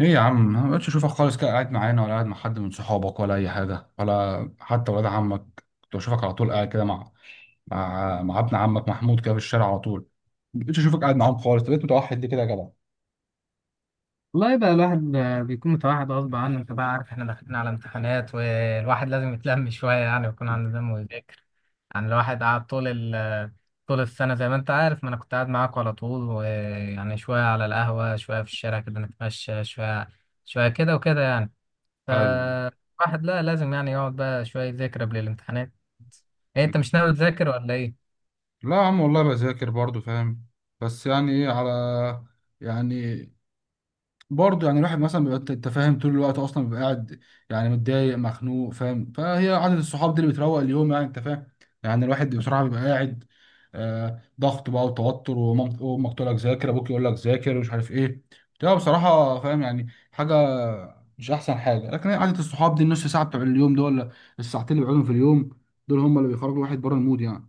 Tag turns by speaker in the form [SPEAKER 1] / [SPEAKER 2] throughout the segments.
[SPEAKER 1] ايه يا عم، ما بقتش اشوفك خالص كده. قاعد معانا ولا قاعد مع حد من صحابك ولا اي حاجه ولا حتى ولاد عمك؟ كنت بشوفك على طول قاعد كده مع ابن عمك محمود كده في الشارع على طول. ما بقتش اشوفك قاعد معاهم خالص. طب بقيت متوحد ليه كده يا جدع؟
[SPEAKER 2] والله بقى الواحد بيكون متوحد غصب عنه، انت بقى عارف احنا داخلين على امتحانات والواحد لازم يتلم شوية يعني ويكون عنده دم ويذاكر. يعني الواحد قعد ال طول السنة زي ما انت عارف، ما انا كنت قاعد معاك على طول، ويعني شوية على القهوة شوية في الشارع كده نتمشى شوية، شوية كده وكده يعني.
[SPEAKER 1] ايوه.
[SPEAKER 2] فالواحد لا لازم يعني يقعد بقى شوية يذاكر قبل الامتحانات. ايه، انت مش ناوي تذاكر ولا ايه؟
[SPEAKER 1] لا يا عم، والله بذاكر برضو فاهم. بس يعني ايه على، يعني برضه يعني الواحد مثلا بيبقى، انت فاهم، طول الوقت اصلا بيبقى قاعد يعني متضايق مخنوق فاهم. فهي عدد الصحاب دي اللي بتروق اليوم يعني، انت فاهم. يعني الواحد بصراحه بيبقى قاعد آه، ضغط بقى وتوتر وامك تقول لك ذاكر، ابوك يقول لك ذاكر ومش عارف ايه. بتبقى بصراحه فاهم يعني حاجه مش احسن حاجه. لكن هي عدد الصحاب دي، النص ساعه بتوع اليوم دول ولا الساعتين اللي بيقعدهم في اليوم، دول هم اللي بيخرجوا الواحد بره المود يعني.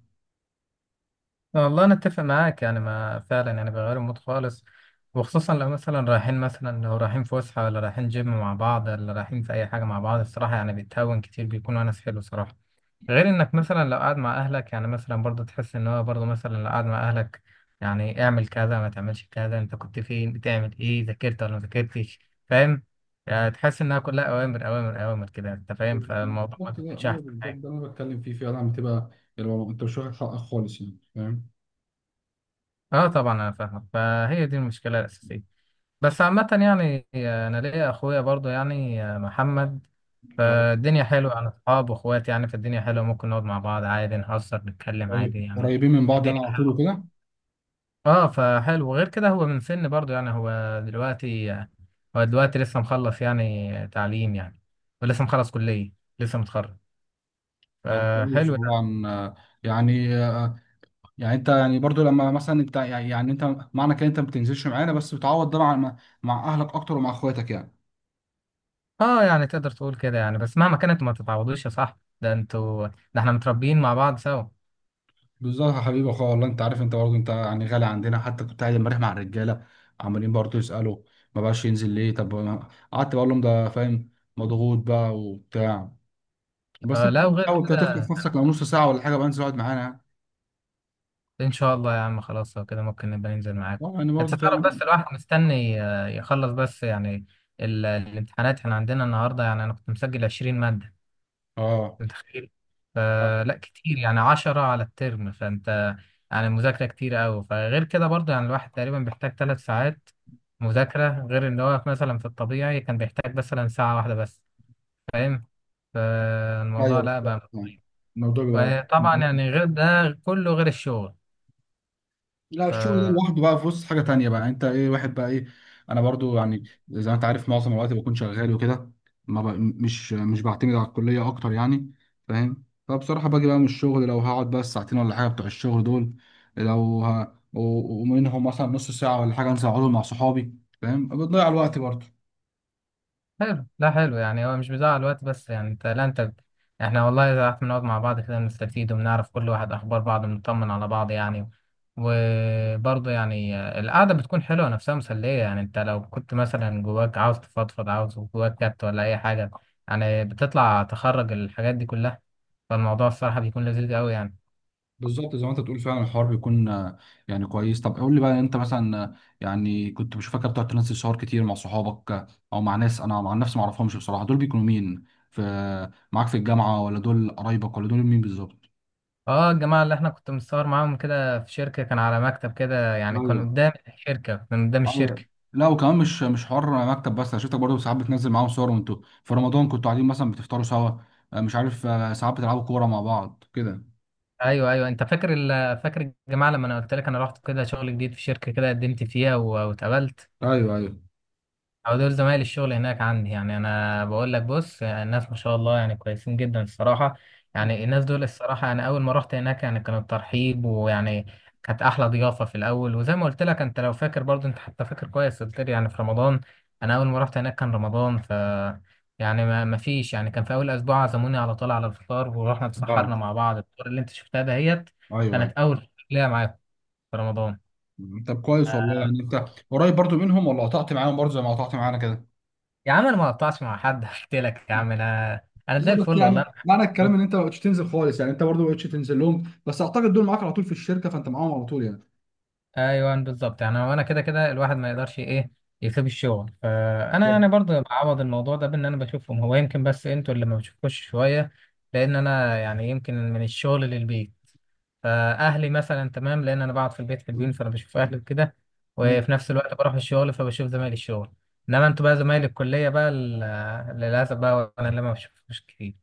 [SPEAKER 2] والله انا اتفق معاك يعني، ما فعلا يعني بيغيروا المود خالص، وخصوصا لو مثلا رايحين، مثلا لو رايحين فسحه، ولا رايحين جيم مع بعض، ولا رايحين في اي حاجه مع بعض. الصراحه يعني بيتهون كتير، بيكون ونس حلو صراحه. غير انك مثلا لو قاعد مع اهلك يعني، مثلا برضه تحس ان هو برضه مثلا لو قاعد مع اهلك، يعني اعمل كذا، ما تعملش كذا، انت كنت فين، بتعمل ايه، ذاكرت ولا ما ذاكرتش؟ فاهم؟ يعني تحس انها كلها اوامر اوامر اوامر كده، انت فاهم، فالموضوع ما
[SPEAKER 1] بالظبط ده،
[SPEAKER 2] بيكونش
[SPEAKER 1] ايوه
[SPEAKER 2] احسن
[SPEAKER 1] بالظبط
[SPEAKER 2] حاجه.
[SPEAKER 1] ده اللي انا بتكلم فيه فعلا. بتبقى انت مش واخد حقك خالص يعني فاهم.
[SPEAKER 2] اه طبعا انا فاهمك، فهي دي المشكله الاساسيه. بس عامة يعني، أنا ليا أخويا برضو يعني، محمد، فالدنيا حلوة، أنا أصحاب وأخوات يعني، فالدنيا حلوة، ممكن نقعد مع بعض عادي، نهزر، نتكلم عادي يعني.
[SPEAKER 1] قريبين من بعض يعني،
[SPEAKER 2] الدنيا
[SPEAKER 1] على طول وكده.
[SPEAKER 2] اه فحلو. وغير كده هو من سن برضو يعني، هو دلوقتي لسه مخلص يعني تعليم يعني، ولسه مخلص كلية، لسه متخرج،
[SPEAKER 1] طب كويس
[SPEAKER 2] فحلو
[SPEAKER 1] والله.
[SPEAKER 2] يعني.
[SPEAKER 1] عن يعني، يعني انت يعني برضو لما مثلا انت يعني، يعني انت معنى كده انت ما بتنزلش معانا بس بتعوض ده مع اهلك اكتر ومع اخواتك يعني.
[SPEAKER 2] اه يعني تقدر تقول كده يعني، بس مهما كانت ما تتعوضوش يا صاحبي، ده انتوا، ده احنا متربيين مع بعض سوا.
[SPEAKER 1] بالظبط يا حبيبي اخويا، والله انت عارف، انت برضو انت يعني غالي عندنا. حتى كنت قاعد امبارح مع الرجاله عمالين برضو يسالوا ما بقاش ينزل ليه. طب قعدت بقول لهم ده فاهم، مضغوط بقى وبتاع. بس انت
[SPEAKER 2] فلا،
[SPEAKER 1] برضو
[SPEAKER 2] وغير
[SPEAKER 1] بتحاول كده تخطف
[SPEAKER 2] كده،
[SPEAKER 1] نفسك. لو نص ساعه ولا حاجه بقى انزل اقعد معانا يعني.
[SPEAKER 2] ان شاء الله يا عم، خلاص لو كده ممكن نبقى ننزل معاكم.
[SPEAKER 1] اه يعني
[SPEAKER 2] انت
[SPEAKER 1] برضو
[SPEAKER 2] تعرف
[SPEAKER 1] فاهم.
[SPEAKER 2] بس الواحد مستني يخلص بس يعني. الامتحانات احنا عندنا النهارده، يعني انا كنت مسجل 20 ماده، انت متخيل؟
[SPEAKER 1] اه
[SPEAKER 2] فلا كتير يعني، 10 على الترم، فانت يعني المذاكره كتير قوي. فغير كده برضه يعني الواحد تقريبا بيحتاج 3 ساعات مذاكره، غير ان هو مثلا في الطبيعي كان بيحتاج مثلا ساعه واحده بس. فاهم؟ فالموضوع
[SPEAKER 1] ايوه
[SPEAKER 2] لا
[SPEAKER 1] بالظبط
[SPEAKER 2] بقى.
[SPEAKER 1] يعني. الموضوع بيبقى
[SPEAKER 2] طبعا يعني غير ده، كله غير الشغل.
[SPEAKER 1] لا الشغل ده
[SPEAKER 2] ف
[SPEAKER 1] لوحده بقى في وسط حاجه تانية بقى، انت ايه واحد بقى ايه. انا برضو يعني زي ما انت عارف معظم الوقت بكون شغال وكده. ما بق... مش مش بعتمد على الكليه اكتر يعني فاهم. فبصراحه باجي بقى من الشغل، لو هقعد بقى الساعتين ولا حاجه بتوع الشغل دول، لو ه... ومنهم مثلا نص ساعه ولا حاجه انزل اقعد مع صحابي فاهم. بتضيع الوقت برضو.
[SPEAKER 2] حلو، لا حلو يعني، هو مش بيضيع الوقت، بس يعني انت، لا انت، احنا والله اذا قعدت بنقعد مع بعض كده نستفيد، وبنعرف كل واحد اخبار بعض، بنطمن على بعض يعني. وبرضه يعني القعده بتكون حلوه نفسها، مسليه يعني، انت لو كنت مثلا جواك عاوز تفضفض، عاوز جواك كات ولا اي حاجه، يعني بتطلع، تخرج الحاجات دي كلها، فالموضوع الصراحه بيكون لذيذ قوي يعني.
[SPEAKER 1] بالظبط زي ما انت بتقول. فعلا الحوار بيكون يعني كويس. طب قول لي بقى، انت مثلا يعني كنت بشوفك بتقعد تنزل صور كتير مع صحابك، او مع ناس انا مع نفسي ما اعرفهمش بصراحه. دول بيكونوا مين؟ في معاك في الجامعه ولا دول قرايبك ولا دول مين بالظبط؟
[SPEAKER 2] اه، الجماعه اللي احنا كنت متصور معاهم كده في شركه، كان على مكتب كده يعني، كان
[SPEAKER 1] ايوه.
[SPEAKER 2] قدام الشركه،
[SPEAKER 1] أيوة. لا وكمان مش حوار مكتب بس. انا شفتك برضه ساعات بتنزل معاهم صور، وانتوا في رمضان كنتوا قاعدين مثلا بتفطروا سوا مش عارف، ساعات بتلعبوا كوره مع بعض كده.
[SPEAKER 2] ايوه ايوه، انت فاكر فاكر الجماعه لما انا قلت لك انا رحت كده شغل جديد في شركه كده، قدمت فيها واتقبلت،
[SPEAKER 1] ايوه ايوه.
[SPEAKER 2] او دول زمايل الشغل هناك عندي يعني. انا بقول لك بص، يعني الناس ما شاء الله يعني كويسين جدا الصراحه. يعني الناس دول الصراحه، يعني اول ما رحت هناك يعني كان الترحيب، ويعني كانت احلى ضيافه في الاول. وزي ما قلت لك، انت لو فاكر برضو، انت حتى فاكر كويس، قلت لي يعني في رمضان، انا اول ما رحت هناك كان رمضان. يعني ما فيش، يعني كان في اول اسبوع عزموني على طول على الفطار، ورحنا
[SPEAKER 1] اه
[SPEAKER 2] اتسحرنا مع بعض، الفطار اللي انت شفتها دهيت
[SPEAKER 1] ايوه.
[SPEAKER 2] كانت اول ليا معاكم في رمضان.
[SPEAKER 1] أيوة. طب كويس والله. يعني انت قريب برضه منهم ولا قطعت معاهم برضه زي ما قطعت معانا كده؟
[SPEAKER 2] يا عم انا ما قطعتش مع حد، قلت لك يا عم، انا
[SPEAKER 1] لا
[SPEAKER 2] زي
[SPEAKER 1] بس
[SPEAKER 2] الفل والله،
[SPEAKER 1] يعني
[SPEAKER 2] انا بحبكم
[SPEAKER 1] معنى الكلام
[SPEAKER 2] كلكم.
[SPEAKER 1] ان انت ما بقتش تنزل خالص يعني. انت برضه ما بقتش تنزل لهم، بس اعتقد دول معاك على طول في الشركه، فانت معاهم على طول يعني.
[SPEAKER 2] ايوه بالظبط يعني، هو انا كده كده الواحد ما يقدرش ايه يسيب الشغل، فانا
[SPEAKER 1] بالظبط.
[SPEAKER 2] انا برضو بعوض الموضوع ده بان انا بشوفهم، هو يمكن بس انتوا اللي ما بشوفكوش شويه. لان انا يعني يمكن من الشغل للبيت، فاهلي مثلا تمام، لان انا بقعد في البيت حلوين فانا بشوف اهلي وكده،
[SPEAKER 1] مم.
[SPEAKER 2] وفي نفس الوقت بروح الشغل فبشوف زمايلي الشغل. انما انتوا بقى زمايلي الكليه بقى، للاسف بقى انا اللي ما بشوفكوش كتير.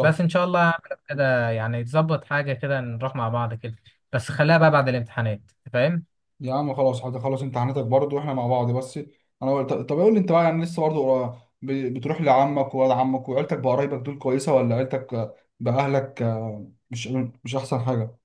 [SPEAKER 2] بس ان شاء الله هعمل كده يعني، تظبط حاجه كده نروح مع بعض كده، بس خليها بقى بعد الامتحانات. أنت فاهم؟
[SPEAKER 1] يا عم خلاص هتخلص امتحاناتك برضه واحنا مع بعض بس. انا قلت طب قول لي انت بقى، يعني لسه برضه بتروح لعمك وولاد عمك وعيلتك؟ بقرايبك دول كويسه ولا عيلتك باهلك مش احسن حاجه؟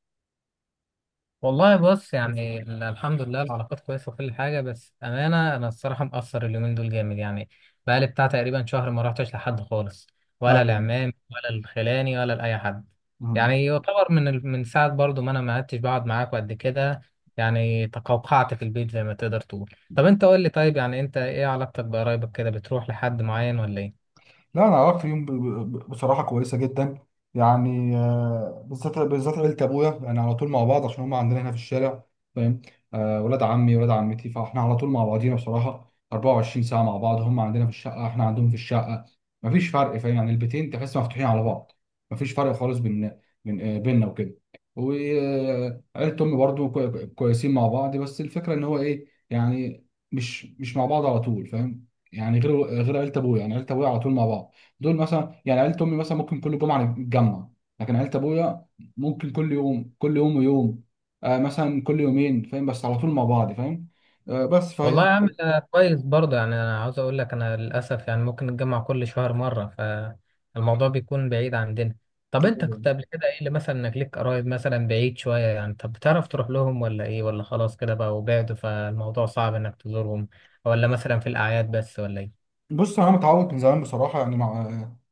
[SPEAKER 2] والله بص يعني، الحمد لله العلاقات كويسه وكل حاجه، بس امانه انا الصراحه مقصر اليومين دول جامد يعني، بقالي بتاع تقريبا شهر ما رحتش لحد خالص، ولا
[SPEAKER 1] ايوه.
[SPEAKER 2] العمام ولا الخلاني ولا لاي حد. يعني يعتبر من من ساعه برضو ما انا ما عدتش بقعد معاك قد كده. يعني تقوقعت في البيت زي ما تقدر تقول. طب انت قول لي، طيب يعني انت ايه علاقتك بقرايبك كده؟ بتروح لحد معين ولا ايه؟
[SPEAKER 1] لا انا علاقتي بيهم بصراحه كويسه جدا. يعني بالذات عيله ابويا يعني على طول مع بعض، عشان هم عندنا هنا في الشارع فاهم. ولاد عمي ولاد عمتي، فاحنا على طول مع بعضينا بصراحه 24 ساعه مع بعض. هم عندنا في الشقه، احنا عندهم في الشقه. مفيش فرق فاهم يعني. البيتين تحس مفتوحين على بعض، مفيش فرق خالص بيننا وكده. وعيله امي برضو كويسين مع بعض، بس الفكره ان هو ايه يعني، مش مع بعض على طول فاهم. يعني غير عيله ابويا، يعني عيله ابويا على طول مع بعض. دول مثلا، يعني عيله امي مثلا ممكن كل جمعه نتجمع، لكن عيله ابويا ممكن كل يوم، كل يوم ويوم آه مثلا كل يومين فاهم، بس على طول مع بعض فاهم. آه بس
[SPEAKER 2] والله يا عم أنا كويس برضه يعني. انا عاوز اقول لك انا للاسف يعني ممكن نتجمع كل شهر مره، فالموضوع بيكون بعيد عندنا. طب انت كنت
[SPEAKER 1] فاهم.
[SPEAKER 2] قبل كده ايه اللي مثلا، انك ليك قرايب مثلا بعيد شويه يعني، طب بتعرف تروح لهم ولا ايه، ولا خلاص كده بقى بعدوا فالموضوع صعب انك تزورهم، ولا مثلا في الاعياد بس ولا ايه؟
[SPEAKER 1] بص انا متعود من زمان بصراحه، يعني مع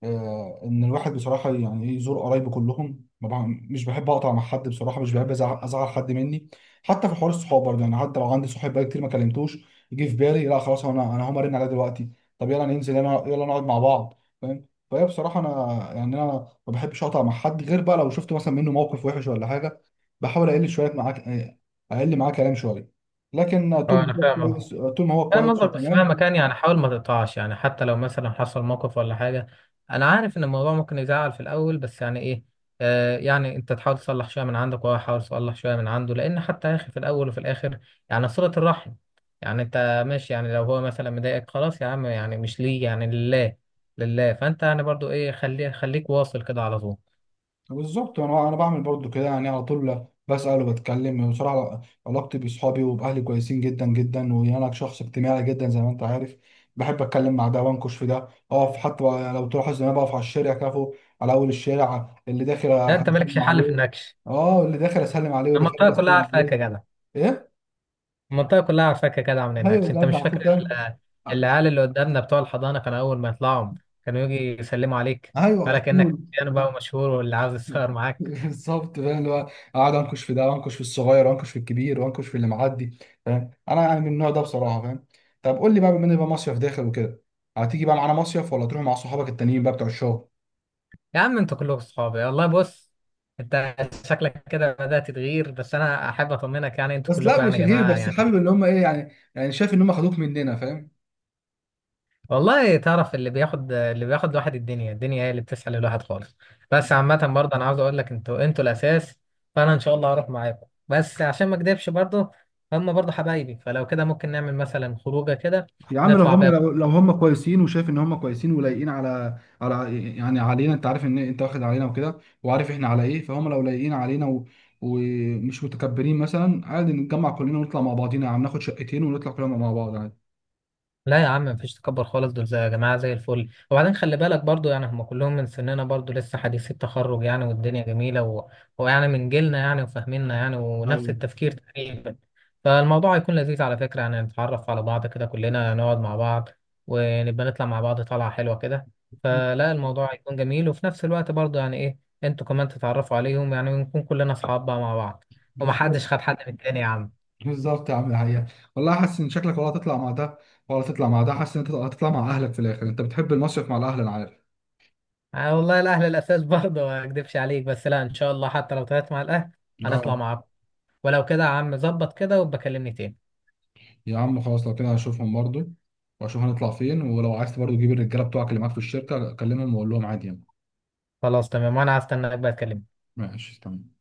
[SPEAKER 1] ان الواحد بصراحه يعني ايه، يزور قرايبه كلهم. ما بع- مش بحب اقطع مع حد بصراحه، مش بحب ازعل، أزعل حد مني. حتى في حوار الصحاب برضه، يعني حتى لو عندي صاحب بقى كتير ما كلمتوش، يجي في بالي لا خلاص، انا هقوم ارن عليه دلوقتي. طب يلا ننزل، يلا يلا نقعد مع بعض فاهم. فهي بصراحه انا يعني انا ما بحبش اقطع مع حد، غير بقى لو شفت مثلا منه موقف وحش ولا حاجه. بحاول اقل شويه معاك، اقل معاه كلام شويه، لكن طول
[SPEAKER 2] اه انا
[SPEAKER 1] ما هو
[SPEAKER 2] فاهم
[SPEAKER 1] كويس، طول ما هو
[SPEAKER 2] فاهم
[SPEAKER 1] كويس
[SPEAKER 2] قصدك. بس
[SPEAKER 1] وتمام.
[SPEAKER 2] مهما كان يعني حاول ما تقطعش يعني، حتى لو مثلا حصل موقف ولا حاجة. أنا عارف إن الموضوع ممكن يزعل في الأول، بس يعني إيه، آه يعني أنت تحاول تصلح شوية من عندك وهو يحاول يصلح شوية من عنده، لأن حتى يا أخي في الأول وفي الآخر يعني صلة الرحم. يعني أنت ماشي يعني، لو هو مثلا مضايقك خلاص يا عم، يعني مش ليه، يعني لله، لله، فأنت يعني برضو إيه، خليك واصل كده على طول.
[SPEAKER 1] بالظبط. انا بعمل برضو كده يعني، على طول بسأل وبتكلم بصراحة. علاقتي بصحابي وبأهلي كويسين جدا جدا، وانا شخص اجتماعي جدا زي ما انت عارف. بحب اتكلم مع ده وانكش في ده، اقف حتى لو تلاحظ ان انا بقف على الشارع كافو، على اول الشارع اللي داخل
[SPEAKER 2] لا أنت مالكش
[SPEAKER 1] اسلم
[SPEAKER 2] حل في
[SPEAKER 1] عليه.
[SPEAKER 2] النكش.
[SPEAKER 1] اه، اللي داخل اسلم عليه واللي
[SPEAKER 2] المنطقة
[SPEAKER 1] خارج
[SPEAKER 2] كلها
[SPEAKER 1] اسلم
[SPEAKER 2] عارفاك
[SPEAKER 1] عليه.
[SPEAKER 2] يا جدع،
[SPEAKER 1] ايه؟
[SPEAKER 2] المنطقة كلها عارفاك يا جدع، من
[SPEAKER 1] ايوه
[SPEAKER 2] هناك. انت
[SPEAKER 1] بجد،
[SPEAKER 2] مش
[SPEAKER 1] على
[SPEAKER 2] فاكر
[SPEAKER 1] طول فاهم.
[SPEAKER 2] العيال اللي قدامنا بتوع الحضانة، كانوا أول ما يطلعوا كانوا يجي يسلموا عليك،
[SPEAKER 1] ايوه على
[SPEAKER 2] قالك إنك
[SPEAKER 1] طول.
[SPEAKER 2] يعني بقى مشهور واللي عاوز يتصور معاك.
[SPEAKER 1] بالظبط فاهم، اللي هو اقعد انكش في ده، وانكش في الصغير وانكش في الكبير وانكش في اللي معدي فاهم. انا يعني من النوع ده بصراحه فاهم. طب قول لي بقى، بما ان بقى مصيف داخل وكده، هتيجي بقى معانا مصيف ولا تروح مع صحابك التانيين بقى بتوع الشغل؟
[SPEAKER 2] يا عم انتوا كلكم صحابي والله. بص، انت شكلك كده بدأت تتغير، بس أنا أحب أطمنك يعني انتوا
[SPEAKER 1] بس لا
[SPEAKER 2] كلكم
[SPEAKER 1] مش
[SPEAKER 2] يعني يا
[SPEAKER 1] غير،
[SPEAKER 2] جماعة
[SPEAKER 1] بس حابب
[SPEAKER 2] يعني.
[SPEAKER 1] اللي هم ايه يعني، يعني شايف ان هم خدوك مننا فاهم.
[SPEAKER 2] والله تعرف، اللي بياخد، الواحد الدنيا، هي اللي بتسحل الواحد خالص. بس عامة برضه، أنا عاوز أقول لك، أنتوا الأساس. فأنا إن شاء الله هروح معاكم، بس عشان ما أكدبش برضه هم برضه حبايبي، فلو كده ممكن نعمل مثلا خروجة كده
[SPEAKER 1] يا عم لو
[SPEAKER 2] نطلع
[SPEAKER 1] هم،
[SPEAKER 2] بيها.
[SPEAKER 1] لو هم كويسين وشايف ان هم كويسين ولايقين على يعني علينا، انت عارف ان انت واخد علينا وكده، وعارف احنا على ايه. فهم لو لايقين علينا ومش متكبرين، مثلا عادي نتجمع كلنا ونطلع مع بعضينا يا عم، ناخد شقتين ونطلع كلنا مع بعض عادي.
[SPEAKER 2] لا يا عم، مفيش تكبر خالص، دول زي يا جماعة زي الفل. وبعدين خلي بالك برضو يعني هم كلهم من سننا برضو، لسه حديثي التخرج يعني، والدنيا جميلة ويعني من جيلنا يعني، وفاهميننا يعني، ونفس
[SPEAKER 1] ايوه
[SPEAKER 2] التفكير تقريبا. فالموضوع هيكون لذيذ على فكرة، يعني نتعرف على بعض كده، كلنا نقعد مع بعض، ونبقى نطلع مع بعض طلعة حلوة كده. فلا الموضوع هيكون جميل، وفي نفس الوقت برضو يعني ايه، انتوا كمان تتعرفوا عليهم، يعني ونكون كلنا أصحاب بقى مع بعض،
[SPEAKER 1] بالظبط.
[SPEAKER 2] ومحدش خد حد من التاني يا عم.
[SPEAKER 1] بالظبط يا عم الحقيقة. والله حاسس ان شكلك ولا هتطلع مع ده ولا هتطلع مع ده. حاسس ان انت هتطلع مع اهلك في الاخر، انت بتحب المصيف مع الاهل انا عارف.
[SPEAKER 2] آه والله الاهلي الاساس برضه، ما اكدبش عليك، بس لا ان شاء الله، حتى لو طلعت مع الاهلي هنطلع
[SPEAKER 1] اه
[SPEAKER 2] مع بعض. ولو كده يا عم، ظبط كده وبكلمني تاني.
[SPEAKER 1] يا عم خلاص، لو كده هشوفهم برضو واشوف هنطلع فين. ولو عايز برضو تجيب الرجاله بتوعك اللي معاك في الشركه، كلمهم وقول لهم عادي يعني.
[SPEAKER 2] خلاص تمام، وانا هستناك بقى تكلمني.
[SPEAKER 1] ماشي تمام.